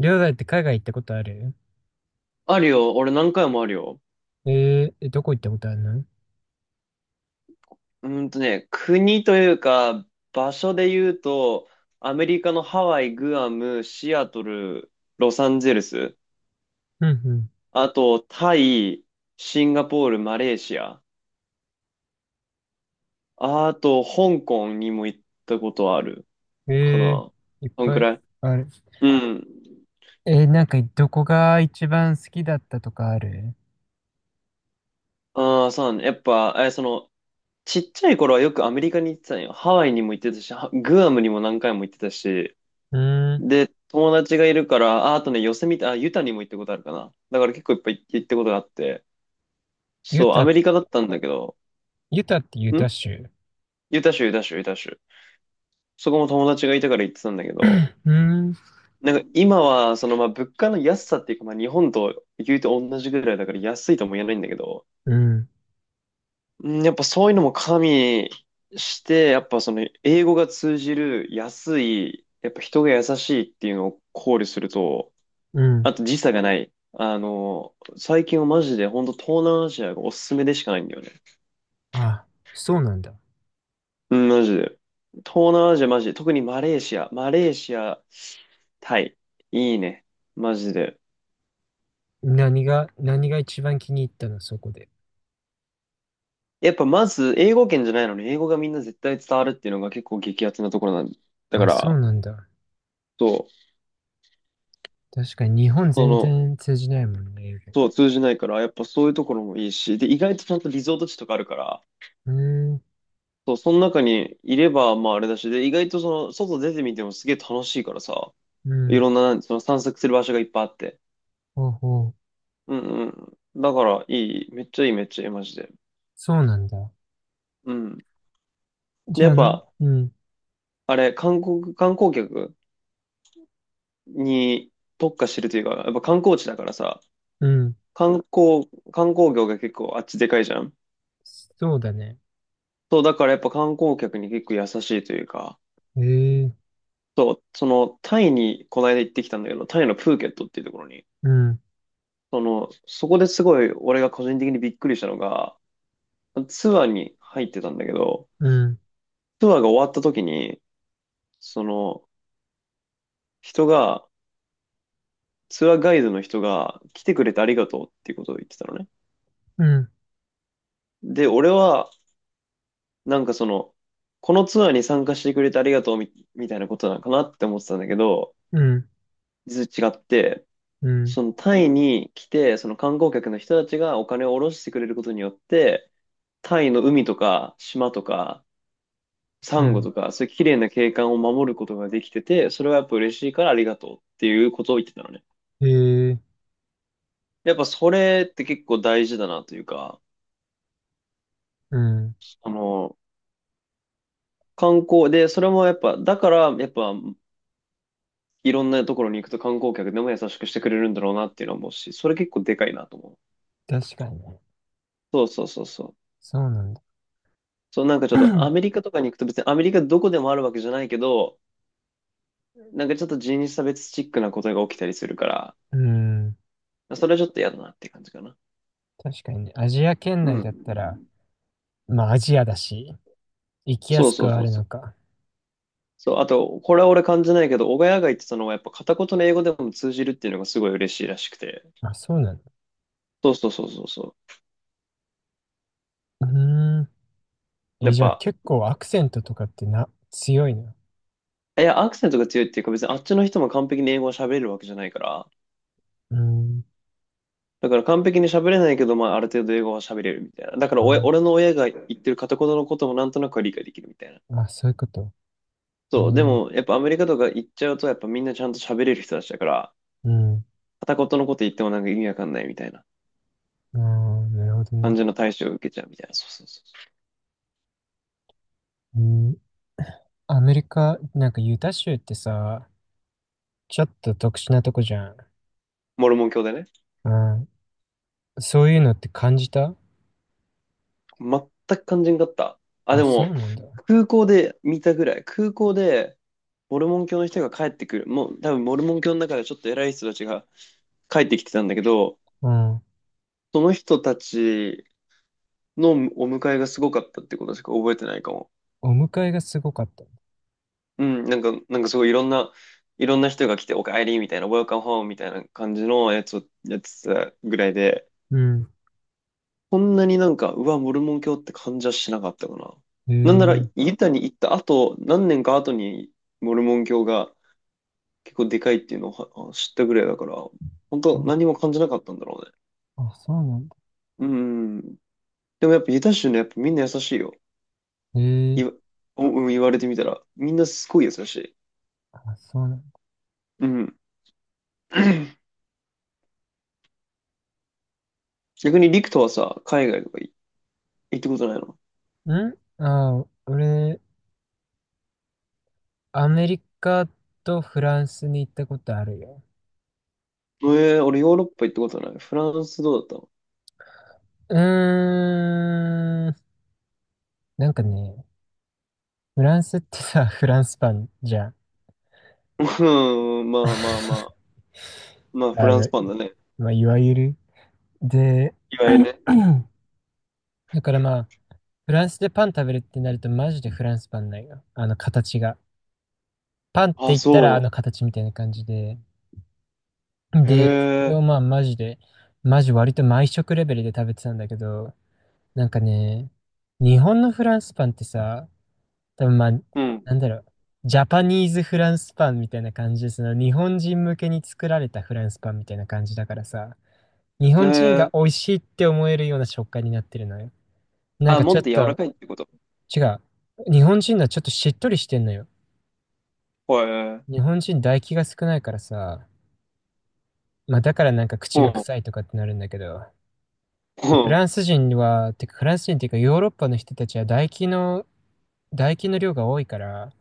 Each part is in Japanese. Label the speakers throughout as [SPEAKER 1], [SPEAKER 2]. [SPEAKER 1] りょうだいって海外行ったことある？
[SPEAKER 2] あるよ。俺何回もあるよ。
[SPEAKER 1] どこ行ったことあるの？
[SPEAKER 2] 国というか、場所で言うと、アメリカのハワイ、グアム、シアトル、ロサンゼルス、
[SPEAKER 1] うん
[SPEAKER 2] あと、タイ、シンガポール、マレーシア、あと、香港にも行ったことある
[SPEAKER 1] うん。
[SPEAKER 2] かな。
[SPEAKER 1] いっ
[SPEAKER 2] そん
[SPEAKER 1] ぱ
[SPEAKER 2] く
[SPEAKER 1] い
[SPEAKER 2] らい。
[SPEAKER 1] ある。
[SPEAKER 2] うん。
[SPEAKER 1] なんかどこが一番好きだったとかある？
[SPEAKER 2] ああ、そうね。やっぱ、え、その、ちっちゃい頃はよくアメリカに行ってたんよ。ハワイにも行ってたし、グアムにも何回も行ってたし、
[SPEAKER 1] うーん。
[SPEAKER 2] で、友達がいるから、あ、あとね、ヨセミテ、あ、ユタにも行ったことあるかな。だから結構いっぱい行ったことがあって、
[SPEAKER 1] ユ
[SPEAKER 2] そう、ア
[SPEAKER 1] タ、
[SPEAKER 2] メリカだったんだけど、
[SPEAKER 1] ユタってユタ
[SPEAKER 2] ん
[SPEAKER 1] 州？
[SPEAKER 2] ユタ州、ユタ州、ユタ州。そこも友達がいたから行ってたんだけ ど、
[SPEAKER 1] うーん。
[SPEAKER 2] なんか今は、まあ、物価の安さっていうか、まあ、日本と言うと同じぐらいだから安いとも言えないんだけど、
[SPEAKER 1] うん。
[SPEAKER 2] うん、やっぱそういうのも加味して、やっぱ英語が通じる、安い、やっぱ人が優しいっていうのを考慮すると、
[SPEAKER 1] うん。
[SPEAKER 2] あと時差がない。最近はマジで、本当東南アジアがおすすめでしかないんだよね。
[SPEAKER 1] あ、そうなんだ。
[SPEAKER 2] うん、マジで。東南アジアマジで、特にマレーシア、マレーシア、タイ。いいね。マジで。
[SPEAKER 1] 何が、何が一番気に入ったの、そこで？
[SPEAKER 2] やっぱまず、英語圏じゃないのに、英語がみんな絶対伝わるっていうのが結構激アツなところなんだだか
[SPEAKER 1] あ、そう
[SPEAKER 2] ら、
[SPEAKER 1] なんだ。
[SPEAKER 2] そう、
[SPEAKER 1] 確かに日本
[SPEAKER 2] そ
[SPEAKER 1] 全
[SPEAKER 2] の、
[SPEAKER 1] 然通じないもんね、英語。
[SPEAKER 2] そう、通じないから、やっぱそういうところもいいし、で、意外とちゃんとリゾート地とかあるから、
[SPEAKER 1] うーん。
[SPEAKER 2] そう、その中にいれば、まああれだし、で、意外と外出てみてもすげえ楽しいからさ、
[SPEAKER 1] う
[SPEAKER 2] い
[SPEAKER 1] ん。
[SPEAKER 2] ろんな、その散策する場所がいっぱいあって。
[SPEAKER 1] ほうほう。
[SPEAKER 2] うんうん。だから、いい。めっちゃいい、めっちゃいい、マジで。
[SPEAKER 1] そうなんだ。
[SPEAKER 2] うん。
[SPEAKER 1] じ
[SPEAKER 2] で、
[SPEAKER 1] ゃ
[SPEAKER 2] やっ
[SPEAKER 1] あな。
[SPEAKER 2] ぱ、
[SPEAKER 1] うん。
[SPEAKER 2] あれ、観光、観光客に特化してるというか、やっぱ観光地だからさ、
[SPEAKER 1] うん。
[SPEAKER 2] 観光業が結構あっちでかいじゃん。
[SPEAKER 1] そうだね。
[SPEAKER 2] そう、だからやっぱ観光客に結構優しいというか、
[SPEAKER 1] ええ、
[SPEAKER 2] そう、タイにこの間行ってきたんだけど、タイのプーケットっていうところに、
[SPEAKER 1] うん、
[SPEAKER 2] そこですごい俺が個人的にびっくりしたのが、ツアーに入ってたんだけど、
[SPEAKER 1] うん、
[SPEAKER 2] ツアーが終わった時に、その、人が、ツアーガイドの人が来てくれてありがとうっていうことを言ってたのね。
[SPEAKER 1] うん、
[SPEAKER 2] で、俺は、なんかその、このツアーに参加してくれてありがとうみ、みたいなことなのかなって思ってたんだけど、
[SPEAKER 1] うん、
[SPEAKER 2] 実は違って、
[SPEAKER 1] うん、
[SPEAKER 2] そのタイに来て、その観光客の人たちがお金を下ろしてくれることによって、タイの海とか島とかサ
[SPEAKER 1] う
[SPEAKER 2] ンゴ
[SPEAKER 1] ん。
[SPEAKER 2] とか、そういう綺麗な景観を守ることができてて、それはやっぱ嬉しいからありがとうっていうことを言ってたのね。
[SPEAKER 1] ええ、
[SPEAKER 2] やっぱそれって結構大事だなというか、
[SPEAKER 1] うん。
[SPEAKER 2] あの、観光で、それもやっぱ、だから、やっぱ、いろんなところに行くと観光客でも優しくしてくれるんだろうなっていうのは思うし、それ結構でかいなと思う。
[SPEAKER 1] 確かにね。
[SPEAKER 2] そうそうそうそう。
[SPEAKER 1] そうなんだ。
[SPEAKER 2] そう、なんかちょっとアメリ カとかに行くと別にアメリカどこでもあるわけじゃないけど、なんかちょっと人種差別チックなことが起きたりするから、
[SPEAKER 1] うん。
[SPEAKER 2] それはちょっと嫌だなって感じかな。
[SPEAKER 1] 確かにね。アジア圏
[SPEAKER 2] う
[SPEAKER 1] 内
[SPEAKER 2] ん。
[SPEAKER 1] だったら、まあアジアだし、行きや
[SPEAKER 2] そう
[SPEAKER 1] す
[SPEAKER 2] そ
[SPEAKER 1] く
[SPEAKER 2] う
[SPEAKER 1] はあ
[SPEAKER 2] そう
[SPEAKER 1] る
[SPEAKER 2] そ
[SPEAKER 1] の
[SPEAKER 2] う。
[SPEAKER 1] か。
[SPEAKER 2] そう、あと、これは俺感じないけど、小谷が言ってたのはやっぱ片言の英語でも通じるっていうのがすごい嬉しいらしくて。
[SPEAKER 1] まあ、そうなんだ。
[SPEAKER 2] そうそうそうそうそ
[SPEAKER 1] うーん。
[SPEAKER 2] う。や
[SPEAKER 1] え、
[SPEAKER 2] っ
[SPEAKER 1] じゃあ
[SPEAKER 2] ぱ、
[SPEAKER 1] 結構アクセントとかってな、強いな？
[SPEAKER 2] いや、アクセントが強いっていうか、別にあっちの人も完璧に英語を喋れるわけじゃないから、
[SPEAKER 1] うーん。
[SPEAKER 2] だから完璧に喋れないけど、まあ、ある程度英語は喋れるみたいな。だから
[SPEAKER 1] あ、
[SPEAKER 2] 俺の親が言ってる片言のこともなんとなくは理解できるみたいな。
[SPEAKER 1] まあ、そういうこと。え
[SPEAKER 2] そう、で
[SPEAKER 1] ー、
[SPEAKER 2] も、やっぱアメリカとか行っちゃうと、やっぱみんなちゃんと喋れる人たちだから、
[SPEAKER 1] うん。
[SPEAKER 2] 片言のこと言ってもなんか意味わかんないみたいな
[SPEAKER 1] あー、なるほどね。
[SPEAKER 2] 感じの対処を受けちゃうみたいな。そうそうそうそう。
[SPEAKER 1] うん。アメリカ、なんかユタ州ってさ、ちょっと特殊なとこじゃん。
[SPEAKER 2] モルモン教でね。
[SPEAKER 1] うん。そういうのって感じた？
[SPEAKER 2] 全く肝心だった。あ、
[SPEAKER 1] あ、
[SPEAKER 2] で
[SPEAKER 1] そ
[SPEAKER 2] も、
[SPEAKER 1] うなんだ。
[SPEAKER 2] 空港で見たぐらい。空港で、モルモン教の人が帰ってくる。もう、多分モルモン教の中でちょっと偉い人たちが帰ってきてたんだけど、
[SPEAKER 1] うん。
[SPEAKER 2] その人たちのお迎えがすごかったってことしか覚えてないかも。
[SPEAKER 1] お迎えがすごかった？
[SPEAKER 2] うん、なんか、すごいいろんな人が来て、おかえりみたいな、ウェルカム m home みたいな感じのやつをやってたぐらいで、
[SPEAKER 1] うん。
[SPEAKER 2] こんなになんか、うわ、モルモン教って感じはしなかったかな。
[SPEAKER 1] へ
[SPEAKER 2] なんなら、
[SPEAKER 1] え。
[SPEAKER 2] ユタに行った後、何年か後に、モルモン教が結構でかいっていうのをは知ったぐらいだから、本当
[SPEAKER 1] あ、
[SPEAKER 2] 何も感じなかったんだろうね。
[SPEAKER 1] あ、そうなんだ。
[SPEAKER 2] うん。でもやっぱユタ州ね、やっぱみんな優しいよ。
[SPEAKER 1] へえ。
[SPEAKER 2] 言わ、うん、言われてみたら、みんなすごい優しい。
[SPEAKER 1] あ、そうなん
[SPEAKER 2] うん。逆にリクトはさ、海外とか行ったことないの？
[SPEAKER 1] だ。んあ、俺、アメリカとフランスに行ったことあるよ。
[SPEAKER 2] 俺ヨーロッパ行ったことない。フランスどうだっ
[SPEAKER 1] うーん。なんかね、フランスってさ、フランスパンじゃん。
[SPEAKER 2] たの？ うん、まあまあまあ。まあ、フ
[SPEAKER 1] あ
[SPEAKER 2] ラン
[SPEAKER 1] の、
[SPEAKER 2] スパンだね。
[SPEAKER 1] まあ、いわゆる。で、
[SPEAKER 2] い わゆるね。
[SPEAKER 1] だからまあ、フランスでパン食べるってなるとマジでフランスパンないよ。あの形が。パンって
[SPEAKER 2] あ、
[SPEAKER 1] 言ったらあ
[SPEAKER 2] そ
[SPEAKER 1] の形みたいな感じで。
[SPEAKER 2] う。
[SPEAKER 1] で、そ
[SPEAKER 2] へ
[SPEAKER 1] れ
[SPEAKER 2] え。
[SPEAKER 1] をまあマジで、マジ割と毎食レベルで食べてたんだけど、なんかね、日本のフランスパンってさ、多分まあ、
[SPEAKER 2] うん。
[SPEAKER 1] なんだろう、ジャパニーズフランスパンみたいな感じで、その日本人向けに作られたフランスパンみたいな感じだからさ、日
[SPEAKER 2] へ
[SPEAKER 1] 本人が
[SPEAKER 2] え。
[SPEAKER 1] 美味しいって思えるような食感になってるのよ。なん
[SPEAKER 2] あ、
[SPEAKER 1] かち
[SPEAKER 2] も
[SPEAKER 1] ょ
[SPEAKER 2] っ
[SPEAKER 1] っ
[SPEAKER 2] と柔ら
[SPEAKER 1] と、
[SPEAKER 2] かいってこと？
[SPEAKER 1] 違う。日本人はちょっとしっとりしてんのよ。
[SPEAKER 2] ほえ。
[SPEAKER 1] 日本人唾液が少ないからさ、まあだからなんか口
[SPEAKER 2] ほ
[SPEAKER 1] が
[SPEAKER 2] う。
[SPEAKER 1] 臭いとかってなるんだけど、でフ
[SPEAKER 2] ほ
[SPEAKER 1] ラ
[SPEAKER 2] う。
[SPEAKER 1] ンス人は、てかフランス人っていうかヨーロッパの人たちは唾液の、唾液の量が多いから、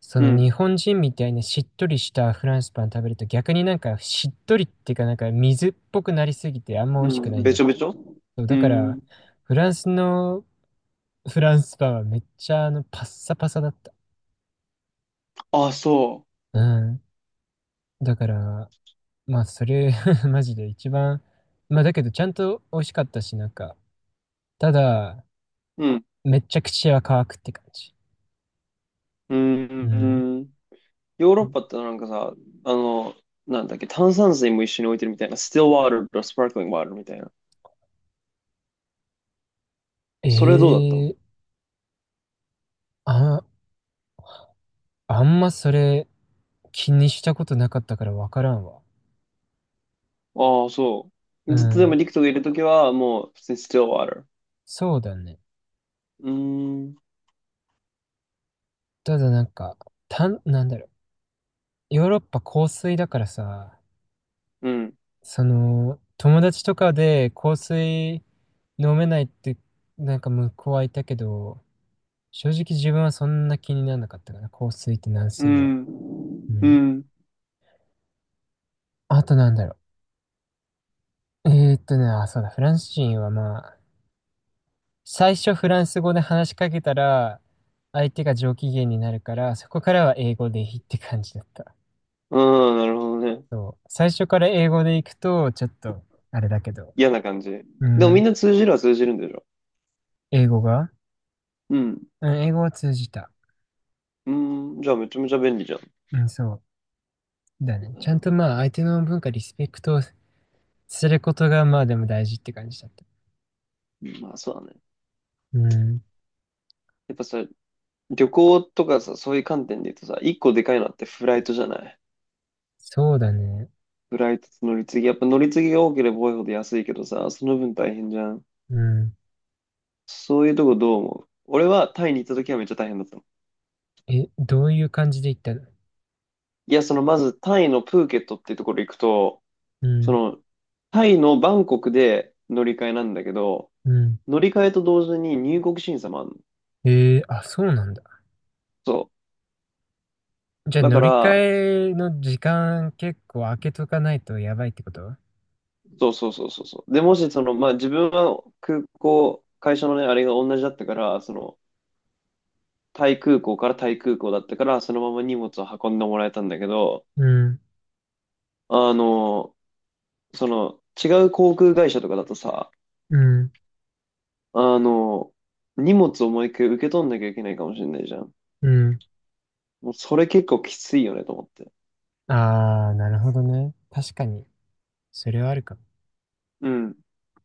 [SPEAKER 1] そ
[SPEAKER 2] う
[SPEAKER 1] の日
[SPEAKER 2] ん。
[SPEAKER 1] 本人みたいにしっとりしたフランスパン食べると逆になんかしっとりっていうかなんか水っぽくなりすぎてあんま美
[SPEAKER 2] う
[SPEAKER 1] 味しくな
[SPEAKER 2] ん。
[SPEAKER 1] いん
[SPEAKER 2] べ
[SPEAKER 1] だっ
[SPEAKER 2] ちょべ
[SPEAKER 1] て。
[SPEAKER 2] ちょ。
[SPEAKER 1] そう
[SPEAKER 2] う
[SPEAKER 1] だから
[SPEAKER 2] ん。
[SPEAKER 1] フランスのフランスパンはめっちゃあのパッサパサだった。
[SPEAKER 2] あ、そ
[SPEAKER 1] うん。だからまあ、それ マジで一番、まあ、だけど、ちゃんと美味しかったし、なんか、ただ、
[SPEAKER 2] う。うん。
[SPEAKER 1] めっちゃ口は乾くって感じ。
[SPEAKER 2] う
[SPEAKER 1] うん。
[SPEAKER 2] ん。ヨーロッパってなんかさ、あの、なんだっけ、炭酸水も一緒に置いてるみたいな、スティルワールとスパークリングワールみたいな。それどうだったの？
[SPEAKER 1] ええあ、あんまそれ気にしたことなかったからわからんわ。
[SPEAKER 2] ああ、そ
[SPEAKER 1] う
[SPEAKER 2] う。ずっとでも
[SPEAKER 1] ん。
[SPEAKER 2] 陸クトがいるときは、もう、普通にスティルワール。
[SPEAKER 1] そうだね。
[SPEAKER 2] うーん、
[SPEAKER 1] ただなんか、たん、なんだろう。ヨーロッパ香水だからさ、
[SPEAKER 2] うん、
[SPEAKER 1] その、友達とかで香水飲めないって、なんか向こうはいたけど、正直自分はそんな気にならなかったかな。香水って軟
[SPEAKER 2] う
[SPEAKER 1] 水は。う
[SPEAKER 2] ん、う
[SPEAKER 1] ん。
[SPEAKER 2] ん、
[SPEAKER 1] あとなんだろう。あ、そうだ、フランス人はまあ、最初フランス語で話しかけたら、相手が上機嫌になるから、そこからは英語でいいって感じだった。
[SPEAKER 2] うん、なるほどね。
[SPEAKER 1] そう。最初から英語で行くと、ちょっと、あれだけど。
[SPEAKER 2] 嫌な感じ。
[SPEAKER 1] う
[SPEAKER 2] でもみ
[SPEAKER 1] ん。
[SPEAKER 2] んな通じるは通じるんでしょ？
[SPEAKER 1] 英語が？
[SPEAKER 2] うん、
[SPEAKER 1] うん、英語は通じた。
[SPEAKER 2] うん、じゃあめちゃめちゃ便利じゃん。
[SPEAKER 1] うん、そう。だね。
[SPEAKER 2] う
[SPEAKER 1] ちゃん
[SPEAKER 2] ん、
[SPEAKER 1] とまあ、相手の文化、リスペクトすることが、まあでも大事って感じだった。
[SPEAKER 2] まあそうだね。
[SPEAKER 1] うん。
[SPEAKER 2] やっぱさ、旅行とかさ、そういう観点で言うとさ、一個でかいのってフライトじゃない？
[SPEAKER 1] そうだね。
[SPEAKER 2] フライトと乗り継ぎ。やっぱ乗り継ぎが多ければ多いほど安いけどさ、その分大変じゃん。
[SPEAKER 1] うん。
[SPEAKER 2] そういうとこどう思う？俺はタイに行った時はめっちゃ大変だったの。
[SPEAKER 1] え、どういう感じで行ったの？
[SPEAKER 2] いや、まずタイのプーケットっていうところ行くと、
[SPEAKER 1] う
[SPEAKER 2] そ
[SPEAKER 1] ん、
[SPEAKER 2] のタイのバンコクで乗り換えなんだけど、
[SPEAKER 1] うん。
[SPEAKER 2] 乗り換えと同時に入国審査もあるの。
[SPEAKER 1] ええあ、そうなんだ。
[SPEAKER 2] そ
[SPEAKER 1] じゃ
[SPEAKER 2] う。
[SPEAKER 1] あ
[SPEAKER 2] だ
[SPEAKER 1] 乗
[SPEAKER 2] か
[SPEAKER 1] り
[SPEAKER 2] ら、
[SPEAKER 1] 換えの時間結構空けとかないとやばいってこと？
[SPEAKER 2] そうそうそうそうそう。で、もしまあ自分は空港、会社のね、あれが同じだったから、タイ空港からタイ空港だったから、そのまま荷物を運んでもらえたんだけど、
[SPEAKER 1] うん、
[SPEAKER 2] あの違う航空会社とかだとさ、
[SPEAKER 1] うん、
[SPEAKER 2] あの、荷物をもう一回受け取んなきゃいけないかもしれないじゃん。
[SPEAKER 1] うん。
[SPEAKER 2] もうそれ結構きついよねと思って。
[SPEAKER 1] あー、なるほどね。確かに、それはあるかも。
[SPEAKER 2] うん。